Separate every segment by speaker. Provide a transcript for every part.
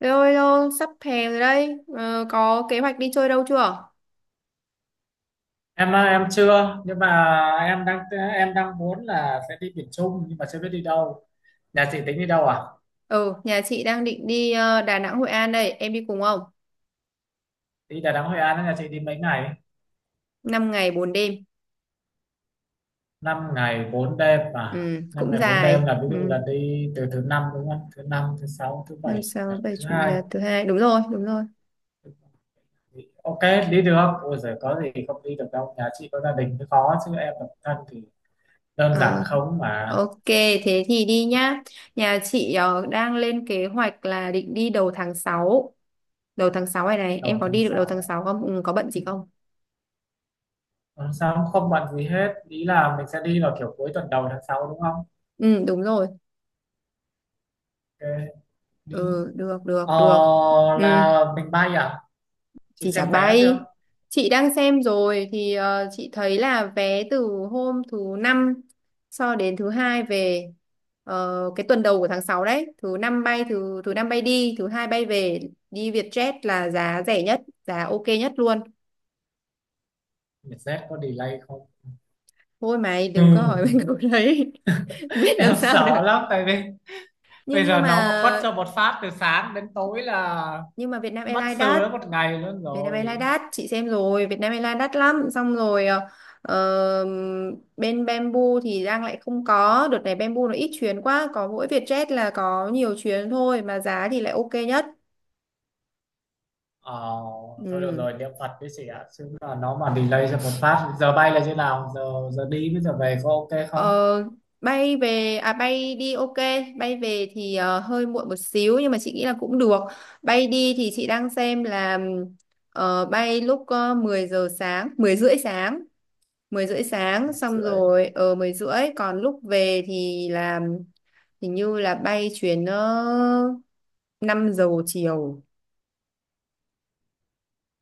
Speaker 1: Rồi rồi, sắp hè rồi đây. Ờ, có kế hoạch đi chơi đâu chưa?
Speaker 2: Em á, em chưa nhưng mà em đang muốn là sẽ đi miền Trung nhưng mà chưa biết đi đâu. Nhà chị tính đi đâu à?
Speaker 1: Ừ, nhà chị đang định đi Đà Nẵng, Hội An đây. Em đi cùng không?
Speaker 2: Đi Đà Nẵng Hội An á, nhà chị đi mấy ngày?
Speaker 1: 5 ngày 4 đêm.
Speaker 2: Năm ngày 4 đêm, mà
Speaker 1: Ừ,
Speaker 2: 5
Speaker 1: cũng
Speaker 2: ngày 4 đêm
Speaker 1: dài.
Speaker 2: là ví
Speaker 1: Ừ,
Speaker 2: dụ là đi từ thứ năm đúng không? Thứ năm, thứ sáu, thứ bảy,
Speaker 1: năm
Speaker 2: chủ nhật,
Speaker 1: sáu bảy
Speaker 2: thứ
Speaker 1: chủ
Speaker 2: hai.
Speaker 1: nhật thứ hai. Đúng rồi, đúng rồi.
Speaker 2: Ok, đi được. Ôi giời, có gì không đi được đâu, nhà chị có gia đình mới khó chứ em độc thân thì đơn giản
Speaker 1: Ờ,
Speaker 2: không mà.
Speaker 1: ok, thế thì đi nhá. Nhà chị đang lên kế hoạch là định đi đầu tháng sáu. Đầu tháng 6 này này, em
Speaker 2: Đầu
Speaker 1: có
Speaker 2: tháng
Speaker 1: đi được đầu tháng
Speaker 2: sáu,
Speaker 1: 6 không? Ừ, có bận gì không?
Speaker 2: tháng 6 không bận gì hết, ý là mình sẽ đi vào kiểu cuối tuần đầu tháng 6 đúng không?
Speaker 1: Ừ, đúng rồi.
Speaker 2: Ok,
Speaker 1: Ừ,
Speaker 2: đi.
Speaker 1: được, được,
Speaker 2: Ờ,
Speaker 1: được. Ừ.
Speaker 2: là mình bay à? Chị
Speaker 1: Chị chả
Speaker 2: xem vé
Speaker 1: bay.
Speaker 2: chưa?
Speaker 1: Chị đang xem rồi thì chị thấy là vé từ hôm thứ năm cho đến thứ hai về, cái tuần đầu của tháng 6 đấy, thứ năm bay, thứ thứ năm bay đi, thứ hai bay về, đi Vietjet là giá rẻ nhất, giá ok nhất luôn.
Speaker 2: Vietjet có delay không?
Speaker 1: Thôi mày
Speaker 2: Ừ.
Speaker 1: đừng có hỏi mình câu đấy. Biết làm
Speaker 2: Em
Speaker 1: sao được.
Speaker 2: sợ lắm tại vì
Speaker 1: Nhưng
Speaker 2: bây
Speaker 1: nhưng
Speaker 2: giờ
Speaker 1: mà
Speaker 2: nó mà quất cho một phát từ sáng đến tối là
Speaker 1: nhưng mà Vietnam
Speaker 2: mất
Speaker 1: Airlines
Speaker 2: sư
Speaker 1: đắt.
Speaker 2: đó một ngày luôn
Speaker 1: Việt Nam Airlines
Speaker 2: rồi.
Speaker 1: đắt, chị xem rồi, Việt Nam Airlines đắt lắm, xong rồi ờ, bên Bamboo thì đang lại không có đợt này, Bamboo nó ít chuyến quá, có mỗi Vietjet là có nhiều chuyến thôi mà giá thì lại ok nhất.
Speaker 2: Ờ, Thôi được
Speaker 1: Ừ.
Speaker 2: rồi, niệm Phật với chị ạ. Chứ là nó mà delay cho một phát, giờ bay là như nào? Giờ giờ đi với giờ về có ok không?
Speaker 1: Ờ, Bay về à, bay đi ok, bay về thì hơi muộn một xíu nhưng mà chị nghĩ là cũng được. Bay đi thì chị đang xem là bay lúc 10 giờ sáng, 10 rưỡi sáng, 10 rưỡi sáng,
Speaker 2: Một
Speaker 1: xong
Speaker 2: rưỡi.
Speaker 1: rồi ở 10 rưỡi, còn lúc về thì là hình như là bay chuyến 5 giờ chiều.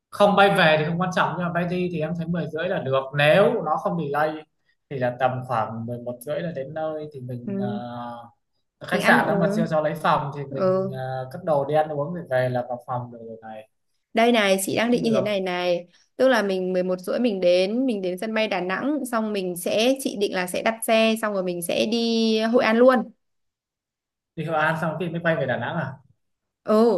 Speaker 2: Không, bay về thì không quan trọng nhưng mà bay đi thì em thấy 10:30 là được nếu nó không delay, thì là tầm khoảng 11:30 là đến nơi, thì mình
Speaker 1: Ừ. Mình
Speaker 2: khách
Speaker 1: ăn
Speaker 2: sạn đó mà chưa
Speaker 1: uống.
Speaker 2: cho lấy phòng thì
Speaker 1: Ừ.
Speaker 2: mình cất đồ đi ăn uống rồi về là vào phòng được rồi này.
Speaker 1: Đây này, chị
Speaker 2: Thì
Speaker 1: đang
Speaker 2: cũng
Speaker 1: định như thế
Speaker 2: được.
Speaker 1: này này, tức là mình 11 rưỡi mình đến sân bay Đà Nẵng, xong mình sẽ chị định là sẽ đặt xe xong rồi mình sẽ đi Hội An luôn.
Speaker 2: Đi Hội An xong thì mới bay về Đà Nẵng à?
Speaker 1: Ừ,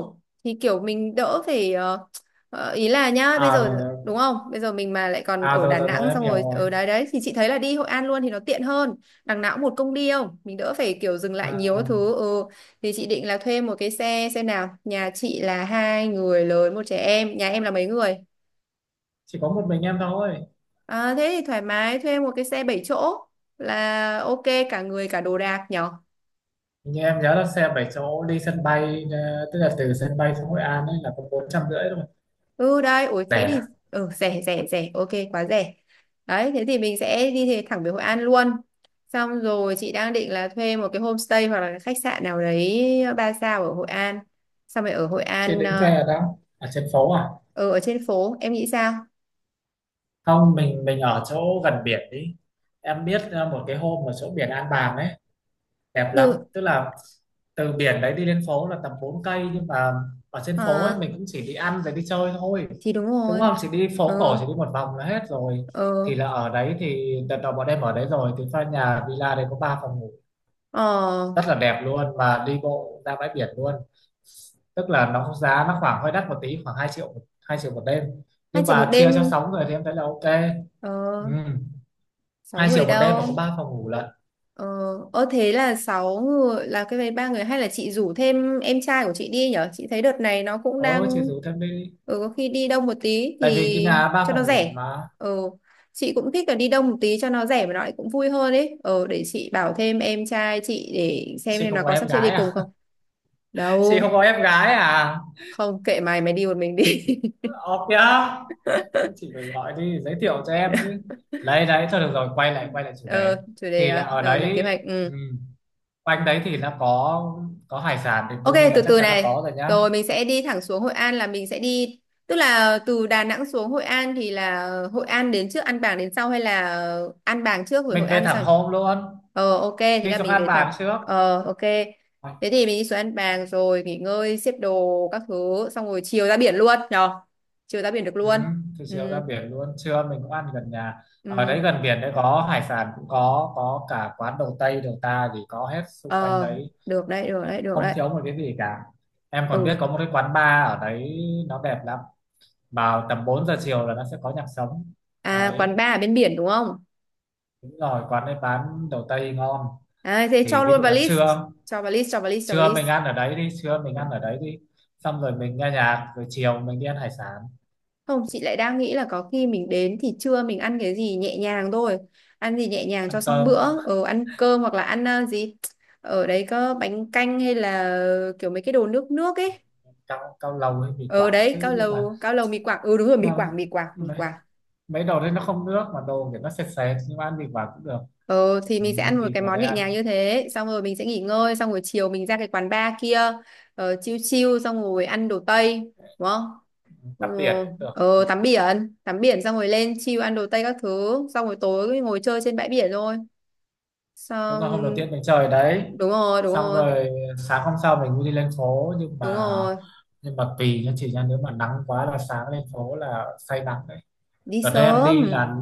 Speaker 1: thì kiểu mình đỡ phải ý là nhá, bây
Speaker 2: À
Speaker 1: giờ
Speaker 2: rồi rồi.
Speaker 1: đúng không, bây giờ mình mà lại còn
Speaker 2: À
Speaker 1: ở
Speaker 2: rồi
Speaker 1: Đà
Speaker 2: rồi, rồi
Speaker 1: Nẵng
Speaker 2: em
Speaker 1: xong
Speaker 2: hiểu
Speaker 1: rồi
Speaker 2: rồi.
Speaker 1: ở đấy đấy thì chị thấy là đi Hội An luôn thì nó tiện hơn. Đằng nào cũng một công đi không, mình đỡ phải kiểu dừng lại
Speaker 2: À,
Speaker 1: nhiều các thứ. Ừ. Thì chị định là thuê một cái xe xe nào, nhà chị là hai người lớn một trẻ em, nhà em là mấy người?
Speaker 2: chỉ có một mình em thôi.
Speaker 1: À, thế thì thoải mái thuê một cái xe 7 chỗ là ok, cả người cả đồ đạc nhỉ.
Speaker 2: Hình như em nhớ là xe 7 chỗ đi sân bay tức là từ sân bay xuống Hội An ấy là có 450 thôi.
Speaker 1: Ừ đây, ủi thế thì
Speaker 2: Rẻ.
Speaker 1: ừ, rẻ rẻ rẻ, ok quá rẻ. Đấy, thế thì mình sẽ đi thì thẳng về Hội An luôn. Xong rồi chị đang định là thuê một cái homestay hoặc là cái khách sạn nào đấy 3 sao ở Hội An. Xong rồi ở Hội
Speaker 2: Chứ
Speaker 1: An
Speaker 2: định về ở đâu, ở trên phố à?
Speaker 1: ừ, ở trên phố, em nghĩ sao?
Speaker 2: Không, mình ở chỗ gần biển đi. Em biết một cái hôm ở chỗ biển An Bàng ấy, đẹp lắm,
Speaker 1: Được,
Speaker 2: tức là từ biển đấy đi lên phố là tầm 4 cây, nhưng mà ở trên phố ấy
Speaker 1: à,
Speaker 2: mình cũng chỉ đi ăn rồi đi chơi thôi,
Speaker 1: thì đúng
Speaker 2: đúng
Speaker 1: rồi.
Speaker 2: không, chỉ đi phố cổ
Speaker 1: Ừ,
Speaker 2: chỉ đi một vòng là hết rồi.
Speaker 1: ừ,
Speaker 2: Thì là ở đấy thì đợt đầu bọn em ở đấy rồi, thì pha nhà villa đấy có 3 phòng ngủ,
Speaker 1: ờ,
Speaker 2: rất là đẹp luôn mà đi bộ ra bãi biển luôn. Tức là nó giá nó khoảng hơi đắt một tí, khoảng 2 triệu, 2 triệu một đêm,
Speaker 1: hai
Speaker 2: nhưng
Speaker 1: triệu một
Speaker 2: mà chia cho
Speaker 1: đêm,
Speaker 2: 6 người thì em thấy là ok. Ừ.
Speaker 1: ờ, sáu
Speaker 2: hai
Speaker 1: người
Speaker 2: triệu một đêm mà có
Speaker 1: đâu.
Speaker 2: ba phòng ngủ lận.
Speaker 1: Ờ, ơ thế là 6 người, là cái vé 3 người, hay là chị rủ thêm em trai của chị đi nhở? Chị thấy đợt này nó cũng
Speaker 2: Ờ chị
Speaker 1: đang,
Speaker 2: rủ thêm đi,
Speaker 1: có khi đi đông một tí
Speaker 2: tại vì cái
Speaker 1: thì
Speaker 2: nhà ba
Speaker 1: cho nó
Speaker 2: phòng ngủ
Speaker 1: rẻ.
Speaker 2: mà.
Speaker 1: Ừ, chị cũng thích là đi đông một tí cho nó rẻ mà nó lại cũng vui hơn ấy. Ừ, để chị bảo thêm em trai chị để xem
Speaker 2: Chị
Speaker 1: em
Speaker 2: không
Speaker 1: nó
Speaker 2: có
Speaker 1: có
Speaker 2: em
Speaker 1: sắp xếp đi
Speaker 2: gái
Speaker 1: cùng
Speaker 2: à?
Speaker 1: không.
Speaker 2: Chị không
Speaker 1: Đâu,
Speaker 2: có em gái à?
Speaker 1: không, kệ mày, mày đi một mình đi.
Speaker 2: Ok nhá, chị phải gọi đi giới thiệu cho em chứ. Lấy đấy thôi được rồi, quay lại chủ
Speaker 1: Ờ
Speaker 2: đề.
Speaker 1: chủ đề
Speaker 2: Thì là
Speaker 1: à?
Speaker 2: ở
Speaker 1: Rồi lên kế
Speaker 2: đấy,
Speaker 1: hoạch.
Speaker 2: ừ,
Speaker 1: Ừ.
Speaker 2: quanh đấy thì nó có hải sản thì
Speaker 1: Ok,
Speaker 2: đương nhiên là
Speaker 1: từ
Speaker 2: chắc
Speaker 1: từ
Speaker 2: chắn là
Speaker 1: này.
Speaker 2: có rồi nhá.
Speaker 1: Rồi mình sẽ đi thẳng xuống Hội An, là mình sẽ đi, tức là từ Đà Nẵng xuống Hội An thì là Hội An đến trước An Bàng đến sau hay là An Bàng trước rồi
Speaker 2: Mình
Speaker 1: Hội
Speaker 2: về
Speaker 1: An
Speaker 2: thẳng
Speaker 1: sau nhỉ?
Speaker 2: hôm luôn.
Speaker 1: Ờ ok, thế
Speaker 2: Đi
Speaker 1: là
Speaker 2: xuống
Speaker 1: mình
Speaker 2: An
Speaker 1: về thẳng.
Speaker 2: Bàng trước.
Speaker 1: Ờ ok.
Speaker 2: Ờ.
Speaker 1: Thế thì mình đi xuống An Bàng rồi nghỉ ngơi, xếp đồ các thứ xong rồi chiều ra biển luôn nhờ. Chiều ra biển được
Speaker 2: Ừ.
Speaker 1: luôn.
Speaker 2: Thì chiều ra
Speaker 1: Ừ.
Speaker 2: biển luôn, trưa mình cũng ăn gần nhà, ở
Speaker 1: Ừ.
Speaker 2: đấy gần biển đấy có hải sản cũng có cả quán đầu Tây đầu ta gì có hết xung quanh
Speaker 1: Ờ,
Speaker 2: đấy,
Speaker 1: được đấy, được đấy, được
Speaker 2: không
Speaker 1: đấy.
Speaker 2: thiếu một cái gì cả. Em còn biết
Speaker 1: Ừ.
Speaker 2: có một cái quán bar ở đấy, nó đẹp lắm, vào tầm 4 giờ chiều là nó sẽ có nhạc sống.
Speaker 1: À, quán
Speaker 2: Đấy.
Speaker 1: bar ở bên biển đúng không?
Speaker 2: Đúng rồi, quán đấy bán đầu Tây ngon.
Speaker 1: À, thế
Speaker 2: Thì
Speaker 1: cho
Speaker 2: ví
Speaker 1: luôn
Speaker 2: dụ
Speaker 1: vào
Speaker 2: là
Speaker 1: list.
Speaker 2: trưa,
Speaker 1: Cho vào list, cho vào list, cho vào
Speaker 2: trưa
Speaker 1: list.
Speaker 2: mình ăn ở đấy đi, trưa mình ăn ở đấy đi, xong rồi mình nghe nhạc rồi chiều mình đi ăn hải sản.
Speaker 1: Không, chị lại đang nghĩ là có khi mình đến thì trưa mình ăn cái gì nhẹ nhàng thôi. Ăn gì nhẹ nhàng cho
Speaker 2: Ăn
Speaker 1: xong bữa.
Speaker 2: cơm.
Speaker 1: Ờ, ăn cơm hoặc là ăn gì. Ở đấy có bánh canh hay là kiểu mấy cái đồ nước nước ấy.
Speaker 2: Cao Cao lầu hay mì
Speaker 1: Ở
Speaker 2: Quảng
Speaker 1: đấy,
Speaker 2: chứ, nhưng mà,
Speaker 1: cao lầu mì Quảng. Ừ đúng rồi, mì
Speaker 2: nhưng
Speaker 1: Quảng, mì Quảng, mì
Speaker 2: mà
Speaker 1: Quảng.
Speaker 2: mấy đồ đấy nó không nước mà đồ kiểu nó sệt sệt, nhưng mà ăn thịt vào cũng được.
Speaker 1: Ừ, thì
Speaker 2: Ừ,
Speaker 1: mình sẽ ăn một
Speaker 2: thịt
Speaker 1: cái
Speaker 2: vào
Speaker 1: món
Speaker 2: đây
Speaker 1: nhẹ
Speaker 2: ăn.
Speaker 1: nhàng như thế, xong rồi mình sẽ nghỉ ngơi, xong rồi chiều mình ra cái quán bar kia, chill chill xong rồi ăn đồ Tây, đúng không. Ừ,
Speaker 2: Tắm biển cũng được. Ừ.
Speaker 1: tắm biển, tắm biển xong rồi lên chill ăn đồ Tây các thứ xong rồi tối ngồi chơi trên bãi biển thôi,
Speaker 2: Đúng là
Speaker 1: xong.
Speaker 2: hôm đầu tiên mình chơi ở đấy,
Speaker 1: Đúng rồi, đúng
Speaker 2: xong
Speaker 1: rồi,
Speaker 2: rồi sáng hôm sau mình mới đi lên phố, nhưng
Speaker 1: đúng
Speaker 2: mà,
Speaker 1: rồi,
Speaker 2: nhưng mà tùy nha chị nha, nếu mà nắng quá là sáng lên phố là say nắng đấy.
Speaker 1: đi
Speaker 2: Đợt đây em
Speaker 1: sớm.
Speaker 2: đi là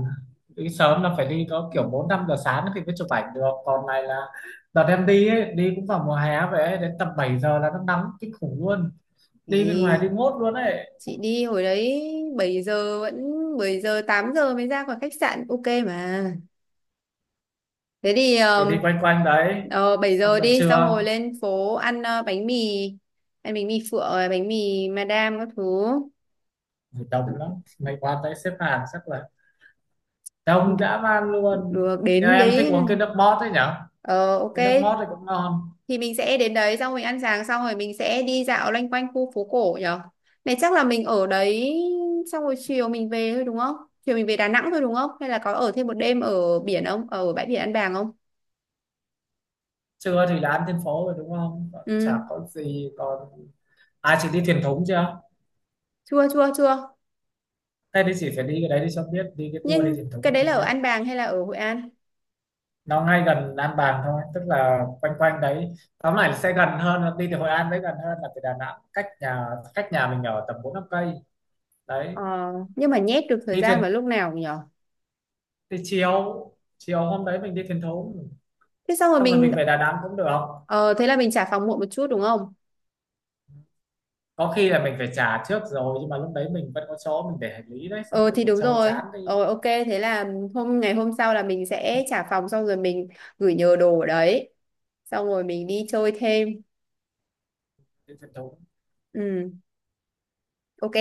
Speaker 2: đi sớm là phải đi có kiểu bốn năm giờ sáng thì mới chụp ảnh được, còn này là đợt em đi ấy, đi cũng vào mùa hè vậy ấy, đến tầm 7 giờ là nó nắng kinh khủng luôn,
Speaker 1: Thì
Speaker 2: đi bên ngoài đi mốt luôn ấy.
Speaker 1: chị đi hồi đấy, 7 giờ vẫn 7 giờ 8 giờ mới ra khỏi khách sạn ok mà. Thế thì
Speaker 2: Thì đi quanh quanh đấy
Speaker 1: ờ, 7
Speaker 2: xong
Speaker 1: giờ
Speaker 2: rồi
Speaker 1: đi xong rồi
Speaker 2: trưa,
Speaker 1: lên phố ăn bánh mì. Ăn bánh mì phượng rồi bánh mì madam các thứ.
Speaker 2: đông lắm, mày qua tới xếp hàng chắc là đông dã man luôn.
Speaker 1: Được
Speaker 2: Nhưng
Speaker 1: đến
Speaker 2: em thích
Speaker 1: đấy.
Speaker 2: uống cái nước mót ấy nhở,
Speaker 1: Ờ ok,
Speaker 2: cái nước mót thì cũng ngon.
Speaker 1: thì mình sẽ đến đấy xong mình ăn sáng, xong rồi mình sẽ đi dạo loanh quanh khu phố cổ nhở. Này, chắc là mình ở đấy xong rồi chiều mình về thôi, đúng không? Chiều mình về Đà Nẵng thôi đúng không, hay là có ở thêm một đêm ở biển không, ở bãi biển An Bàng không?
Speaker 2: Trưa thì là ăn trên phố rồi đúng không? Còn chả
Speaker 1: Ừ,
Speaker 2: có gì còn, à chị đi thuyền thúng chưa?
Speaker 1: chưa, chưa, chưa.
Speaker 2: Thế thì chị phải đi cái đấy đi cho biết, đi cái tour đi
Speaker 1: Nhưng
Speaker 2: thuyền thúng
Speaker 1: cái
Speaker 2: đi
Speaker 1: đấy
Speaker 2: cho
Speaker 1: là ở
Speaker 2: biết.
Speaker 1: An Bàng hay là ở Hội An?
Speaker 2: Nó ngay gần An Bàng thôi, tức là quanh quanh đấy, tóm lại sẽ gần hơn là đi từ Hội An, đấy gần hơn là từ Đà Nẵng, cách nhà mình ở tầm bốn năm cây. Đấy.
Speaker 1: Ờ, nhưng mà nhét được thời
Speaker 2: Đi
Speaker 1: gian
Speaker 2: thuyền.
Speaker 1: vào lúc nào nhỉ?
Speaker 2: Đi chiều. Chiều hôm đấy mình đi thuyền thúng,
Speaker 1: Thế xong rồi
Speaker 2: xong rồi
Speaker 1: mình,
Speaker 2: mình về Đà Nẵng cũng được.
Speaker 1: ờ thế là mình trả phòng muộn một chút đúng không?
Speaker 2: Có khi là mình phải trả trước rồi, nhưng mà lúc đấy mình vẫn có chỗ mình để hành lý đấy, xong
Speaker 1: Ờ
Speaker 2: rồi
Speaker 1: thì
Speaker 2: đi
Speaker 1: đúng
Speaker 2: chơi
Speaker 1: rồi.
Speaker 2: chán đi.
Speaker 1: Ờ ok, thế là ngày hôm sau là mình sẽ trả phòng xong rồi mình gửi nhờ đồ ở đấy. Xong rồi mình đi chơi thêm.
Speaker 2: Đi truyền thống.
Speaker 1: Ừ, ok.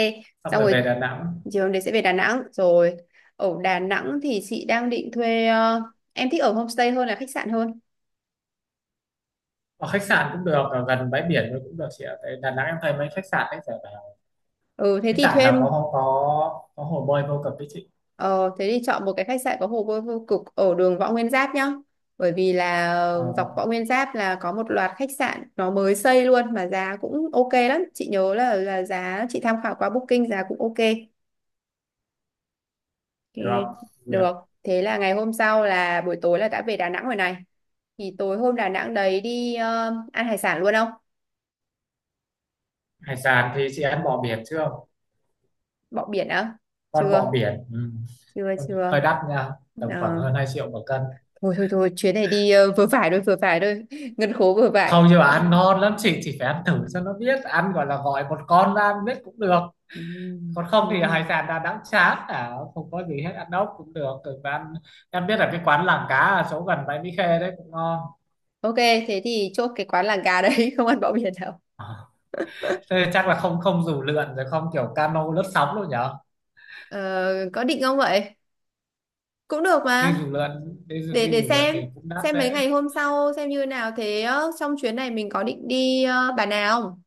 Speaker 2: Xong
Speaker 1: Xong
Speaker 2: rồi
Speaker 1: rồi
Speaker 2: về Đà Nẵng.
Speaker 1: chiều hôm đấy sẽ về Đà Nẵng rồi. Ở Đà Nẵng thì chị đang định thuê, em thích ở homestay hơn là khách sạn hơn.
Speaker 2: Ở khách sạn cũng được, ở gần bãi biển thôi cũng được chị ạ, tại Đà Nẵng em thấy mấy khách sạn đấy giờ bảo
Speaker 1: Ừ thế
Speaker 2: khách
Speaker 1: thì
Speaker 2: sạn
Speaker 1: thuê.
Speaker 2: nào có không, có có hồ bơi vô cực đấy chị.
Speaker 1: Ờ, thế thì chọn một cái khách sạn có hồ bơi vô cực ở đường Võ Nguyên Giáp nhá. Bởi vì là
Speaker 2: ờ,
Speaker 1: dọc Võ Nguyên Giáp là có một loạt khách sạn nó mới xây luôn mà giá cũng ok lắm. Chị nhớ là giá chị tham khảo qua Booking giá cũng ok.
Speaker 2: được
Speaker 1: Thì
Speaker 2: không Việt?
Speaker 1: được. Thế là ngày hôm sau là buổi tối là đã về Đà Nẵng rồi này. Thì tối hôm Đà Nẵng đấy đi ăn hải sản luôn không?
Speaker 2: Hải sản thì chị ăn bò biển chưa?
Speaker 1: Bọ biển á?
Speaker 2: Con bò
Speaker 1: Chưa,
Speaker 2: biển. Ừ.
Speaker 1: chưa,
Speaker 2: Con
Speaker 1: chưa.
Speaker 2: hơi đắt nha, tầm khoảng
Speaker 1: Ờ,
Speaker 2: hơn 2 triệu một cân.
Speaker 1: thôi thôi thôi, chuyến này đi vừa phải thôi, vừa phải thôi. Ngân khố vừa phải.
Speaker 2: Không, nhưng mà ăn ngon lắm chị, chỉ phải ăn thử cho nó biết ăn, gọi là gọi một con ra ăn biết cũng được.
Speaker 1: Ừ,
Speaker 2: Còn không thì
Speaker 1: ừ.
Speaker 2: hải sản Đà Nẵng chán à, không có gì hết, ăn ốc cũng được. Rồi và ăn, em biết là cái quán làng cá ở chỗ gần bãi Mỹ Khê đấy cũng ngon.
Speaker 1: Ok, thế thì chốt cái quán làng gà đấy, không ăn bọ biển đâu.
Speaker 2: Thế chắc là không không dù lượn rồi, không kiểu cano lướt sóng luôn nhở?
Speaker 1: Ờ, có định không vậy? Cũng được
Speaker 2: Đi
Speaker 1: mà.
Speaker 2: dù lượn,
Speaker 1: Để
Speaker 2: đi
Speaker 1: để
Speaker 2: dù lượn thì cũng đắt
Speaker 1: xem mấy
Speaker 2: đấy.
Speaker 1: ngày hôm sau xem như nào, thế trong chuyến này mình có định đi Bà Nà không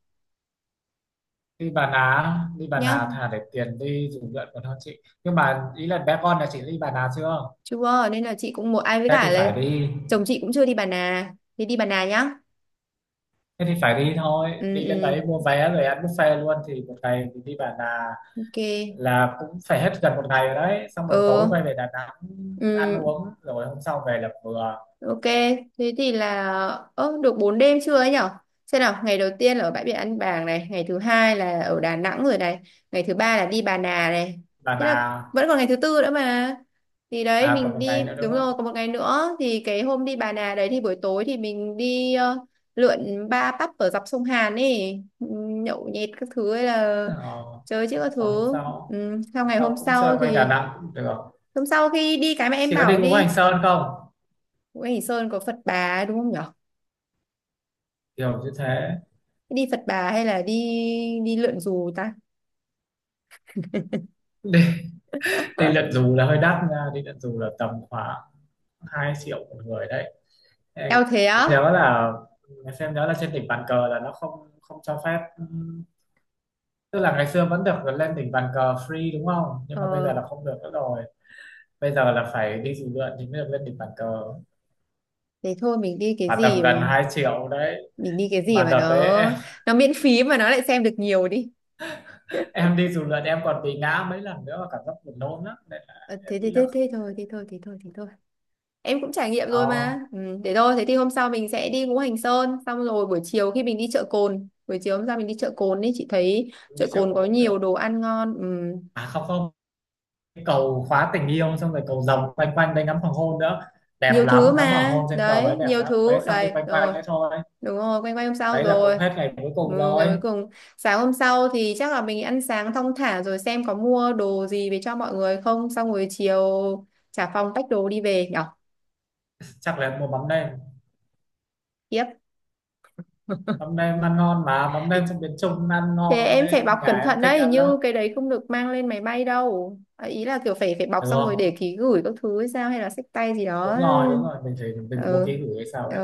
Speaker 2: Đi Bà Nà, đi Bà Nà
Speaker 1: nhá?
Speaker 2: thà để tiền đi dù lượn còn hơn chị, nhưng mà ý là bé con là chị đi Bà Nà chưa?
Speaker 1: Chưa, nên là chị cũng một ai với
Speaker 2: Thế
Speaker 1: cả
Speaker 2: thì
Speaker 1: là
Speaker 2: phải đi.
Speaker 1: chồng chị cũng chưa đi Bà Nà. Thế đi Bà Nà nhá.
Speaker 2: Thế thì phải đi thôi,
Speaker 1: Ừ
Speaker 2: đi lên
Speaker 1: ừ.
Speaker 2: đấy mua vé rồi ăn buffet luôn, thì một ngày mình đi Bà Nà
Speaker 1: Ok.
Speaker 2: là cũng phải hết gần một ngày rồi đấy, xong rồi tối
Speaker 1: Ừ.
Speaker 2: quay về Đà Nẵng ăn
Speaker 1: Ừ,
Speaker 2: uống rồi hôm sau về là vừa.
Speaker 1: ok, thế thì là, ơ được 4 đêm chưa ấy nhở? Xem nào, ngày đầu tiên là ở bãi biển An Bàng này, ngày thứ hai là ở Đà Nẵng rồi này, ngày thứ ba là đi Bà Nà này.
Speaker 2: là
Speaker 1: Thế là
Speaker 2: là
Speaker 1: vẫn còn ngày thứ tư nữa mà. Thì đấy
Speaker 2: à, còn
Speaker 1: mình
Speaker 2: một ngày
Speaker 1: đi,
Speaker 2: nữa
Speaker 1: đúng
Speaker 2: đúng
Speaker 1: rồi,
Speaker 2: không?
Speaker 1: còn một ngày nữa thì cái hôm đi Bà Nà đấy thì buổi tối thì mình đi lượn ba pub ở dọc sông Hàn ấy, nhậu nhẹt các thứ hay là
Speaker 2: Ờ,
Speaker 1: chơi chứ các
Speaker 2: còn hôm
Speaker 1: thứ.
Speaker 2: sau,
Speaker 1: Ừ, sau
Speaker 2: hôm
Speaker 1: ngày hôm
Speaker 2: sau cũng chơi
Speaker 1: sau
Speaker 2: quanh Đà
Speaker 1: thì,
Speaker 2: Nẵng cũng được.
Speaker 1: hôm sau khi đi cái mà em
Speaker 2: Chỉ có đi
Speaker 1: bảo
Speaker 2: Ngũ Hành
Speaker 1: đi,
Speaker 2: Sơn không?
Speaker 1: Ngũ Hành Sơn có Phật Bà đúng không nhở?
Speaker 2: Kiểu như thế.
Speaker 1: Đi Phật Bà hay là đi đi lượn dù ta.
Speaker 2: Đi đi lượn dù là hơi đắt nha, đi lượn dù là tầm khoảng 2 triệu một người đấy. Em
Speaker 1: Eo, thế á.
Speaker 2: nhớ là em xem nhớ là trên đỉnh bàn cờ là nó không không cho phép, tức là ngày xưa vẫn được lên đỉnh bàn cờ free đúng không, nhưng mà bây
Speaker 1: ờ
Speaker 2: giờ là không được nữa rồi. Bây giờ là phải đi dù lượn thì mới được lên đỉnh bàn cờ,
Speaker 1: Thế thôi, mình đi cái
Speaker 2: mà tầm
Speaker 1: gì
Speaker 2: gần
Speaker 1: mà
Speaker 2: 2 triệu đấy.
Speaker 1: mình đi cái gì
Speaker 2: Mà
Speaker 1: mà
Speaker 2: đợt đấy em,
Speaker 1: nó miễn phí mà nó lại xem được nhiều đi.
Speaker 2: em đi dù lượn em còn bị ngã mấy lần nữa và cảm giác buồn nôn lắm, nên là
Speaker 1: Ờ,
Speaker 2: em
Speaker 1: Thế, thế
Speaker 2: nghĩ là,
Speaker 1: thế thế thôi, thế thôi, thế thôi, thế thôi, em cũng trải nghiệm rồi
Speaker 2: oh,
Speaker 1: mà. Ừ, thế thôi, thế thì hôm sau mình sẽ đi Ngũ Hành Sơn xong rồi buổi chiều hôm sau mình đi chợ Cồn ấy, chị thấy
Speaker 2: đi
Speaker 1: chợ
Speaker 2: trèo
Speaker 1: Cồn
Speaker 2: cầu
Speaker 1: có
Speaker 2: cũng được.
Speaker 1: nhiều đồ ăn ngon. Ừ.
Speaker 2: À không không, cái cầu khóa tình yêu, xong rồi cầu rồng quanh quanh đây ngắm hoàng hôn nữa, đẹp
Speaker 1: Nhiều
Speaker 2: lắm,
Speaker 1: thứ
Speaker 2: ngắm hoàng
Speaker 1: mà,
Speaker 2: hôn trên cầu đấy
Speaker 1: đấy,
Speaker 2: đẹp
Speaker 1: nhiều
Speaker 2: lắm đấy,
Speaker 1: thứ
Speaker 2: xong đi
Speaker 1: đấy
Speaker 2: quanh quanh
Speaker 1: rồi,
Speaker 2: đấy thôi.
Speaker 1: đúng rồi, quanh quanh hôm sau
Speaker 2: Đấy là cũng
Speaker 1: rồi.
Speaker 2: hết ngày cuối cùng
Speaker 1: Ừ, ngày
Speaker 2: rồi.
Speaker 1: cuối cùng sáng hôm sau thì chắc là mình ăn sáng thong thả rồi xem có mua đồ gì về cho mọi người không, xong rồi chiều trả phòng tách đồ đi về nhở.
Speaker 2: Chắc là em mua mắm đây,
Speaker 1: Yep.
Speaker 2: mắm nêm ăn ngon mà, mắm nêm trong miền Trung ăn
Speaker 1: Thế
Speaker 2: ngon
Speaker 1: em phải
Speaker 2: đấy,
Speaker 1: bọc
Speaker 2: nhà
Speaker 1: cẩn
Speaker 2: em
Speaker 1: thận
Speaker 2: thích
Speaker 1: đấy, hình
Speaker 2: ăn lắm.
Speaker 1: như cái đấy không được mang lên máy bay đâu. À, ý là kiểu phải phải bọc
Speaker 2: Được
Speaker 1: xong rồi
Speaker 2: không?
Speaker 1: để ký gửi các thứ hay sao hay là xách tay gì đó.
Speaker 2: Đúng rồi đúng rồi, mình phải bố
Speaker 1: Ừ.
Speaker 2: trí gửi hay sao
Speaker 1: ờ,
Speaker 2: đấy.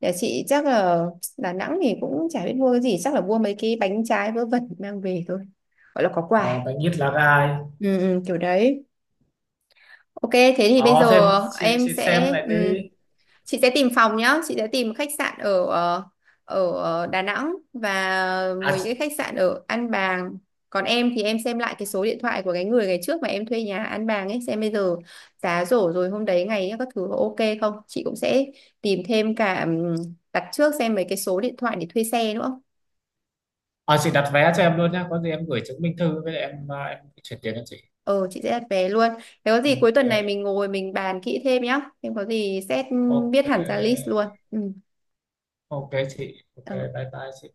Speaker 1: Nhà chị chắc là Đà Nẵng thì cũng chả biết mua cái gì, chắc là mua mấy cái bánh trái vớ vẩn mang về thôi, gọi là có
Speaker 2: Ờ,
Speaker 1: quà.
Speaker 2: bánh ít lá gai.
Speaker 1: Ừ, ừ, kiểu đấy. Ok thế thì bây
Speaker 2: Ờ
Speaker 1: giờ,
Speaker 2: thêm
Speaker 1: em
Speaker 2: chị xem
Speaker 1: sẽ
Speaker 2: lại
Speaker 1: ừ,
Speaker 2: đi.
Speaker 1: chị sẽ tìm phòng nhá, chị sẽ tìm khách sạn ở Đà Nẵng và
Speaker 2: À,
Speaker 1: mấy cái khách sạn ở An Bàng. Còn em thì em xem lại cái số điện thoại của cái người ngày trước mà em thuê nhà An Bàng ấy, xem bây giờ giá rổ rồi hôm đấy ngày ấy các thứ có ok không, chị cũng sẽ tìm thêm cả đặt trước, xem mấy cái số điện thoại để thuê xe nữa.
Speaker 2: ờ, chị đặt vé cho em luôn nhá, có gì em gửi chứng minh thư với lại em à, em chuyển tiền cho chị.
Speaker 1: Ờ chị sẽ đặt vé luôn, thế có gì cuối
Speaker 2: Ok.
Speaker 1: tuần này mình ngồi mình bàn kỹ thêm nhá, em có gì xét
Speaker 2: Ok.
Speaker 1: biết hẳn ra list luôn. Ừ.
Speaker 2: Ok chị, ok
Speaker 1: Ờ.
Speaker 2: bye bye chị.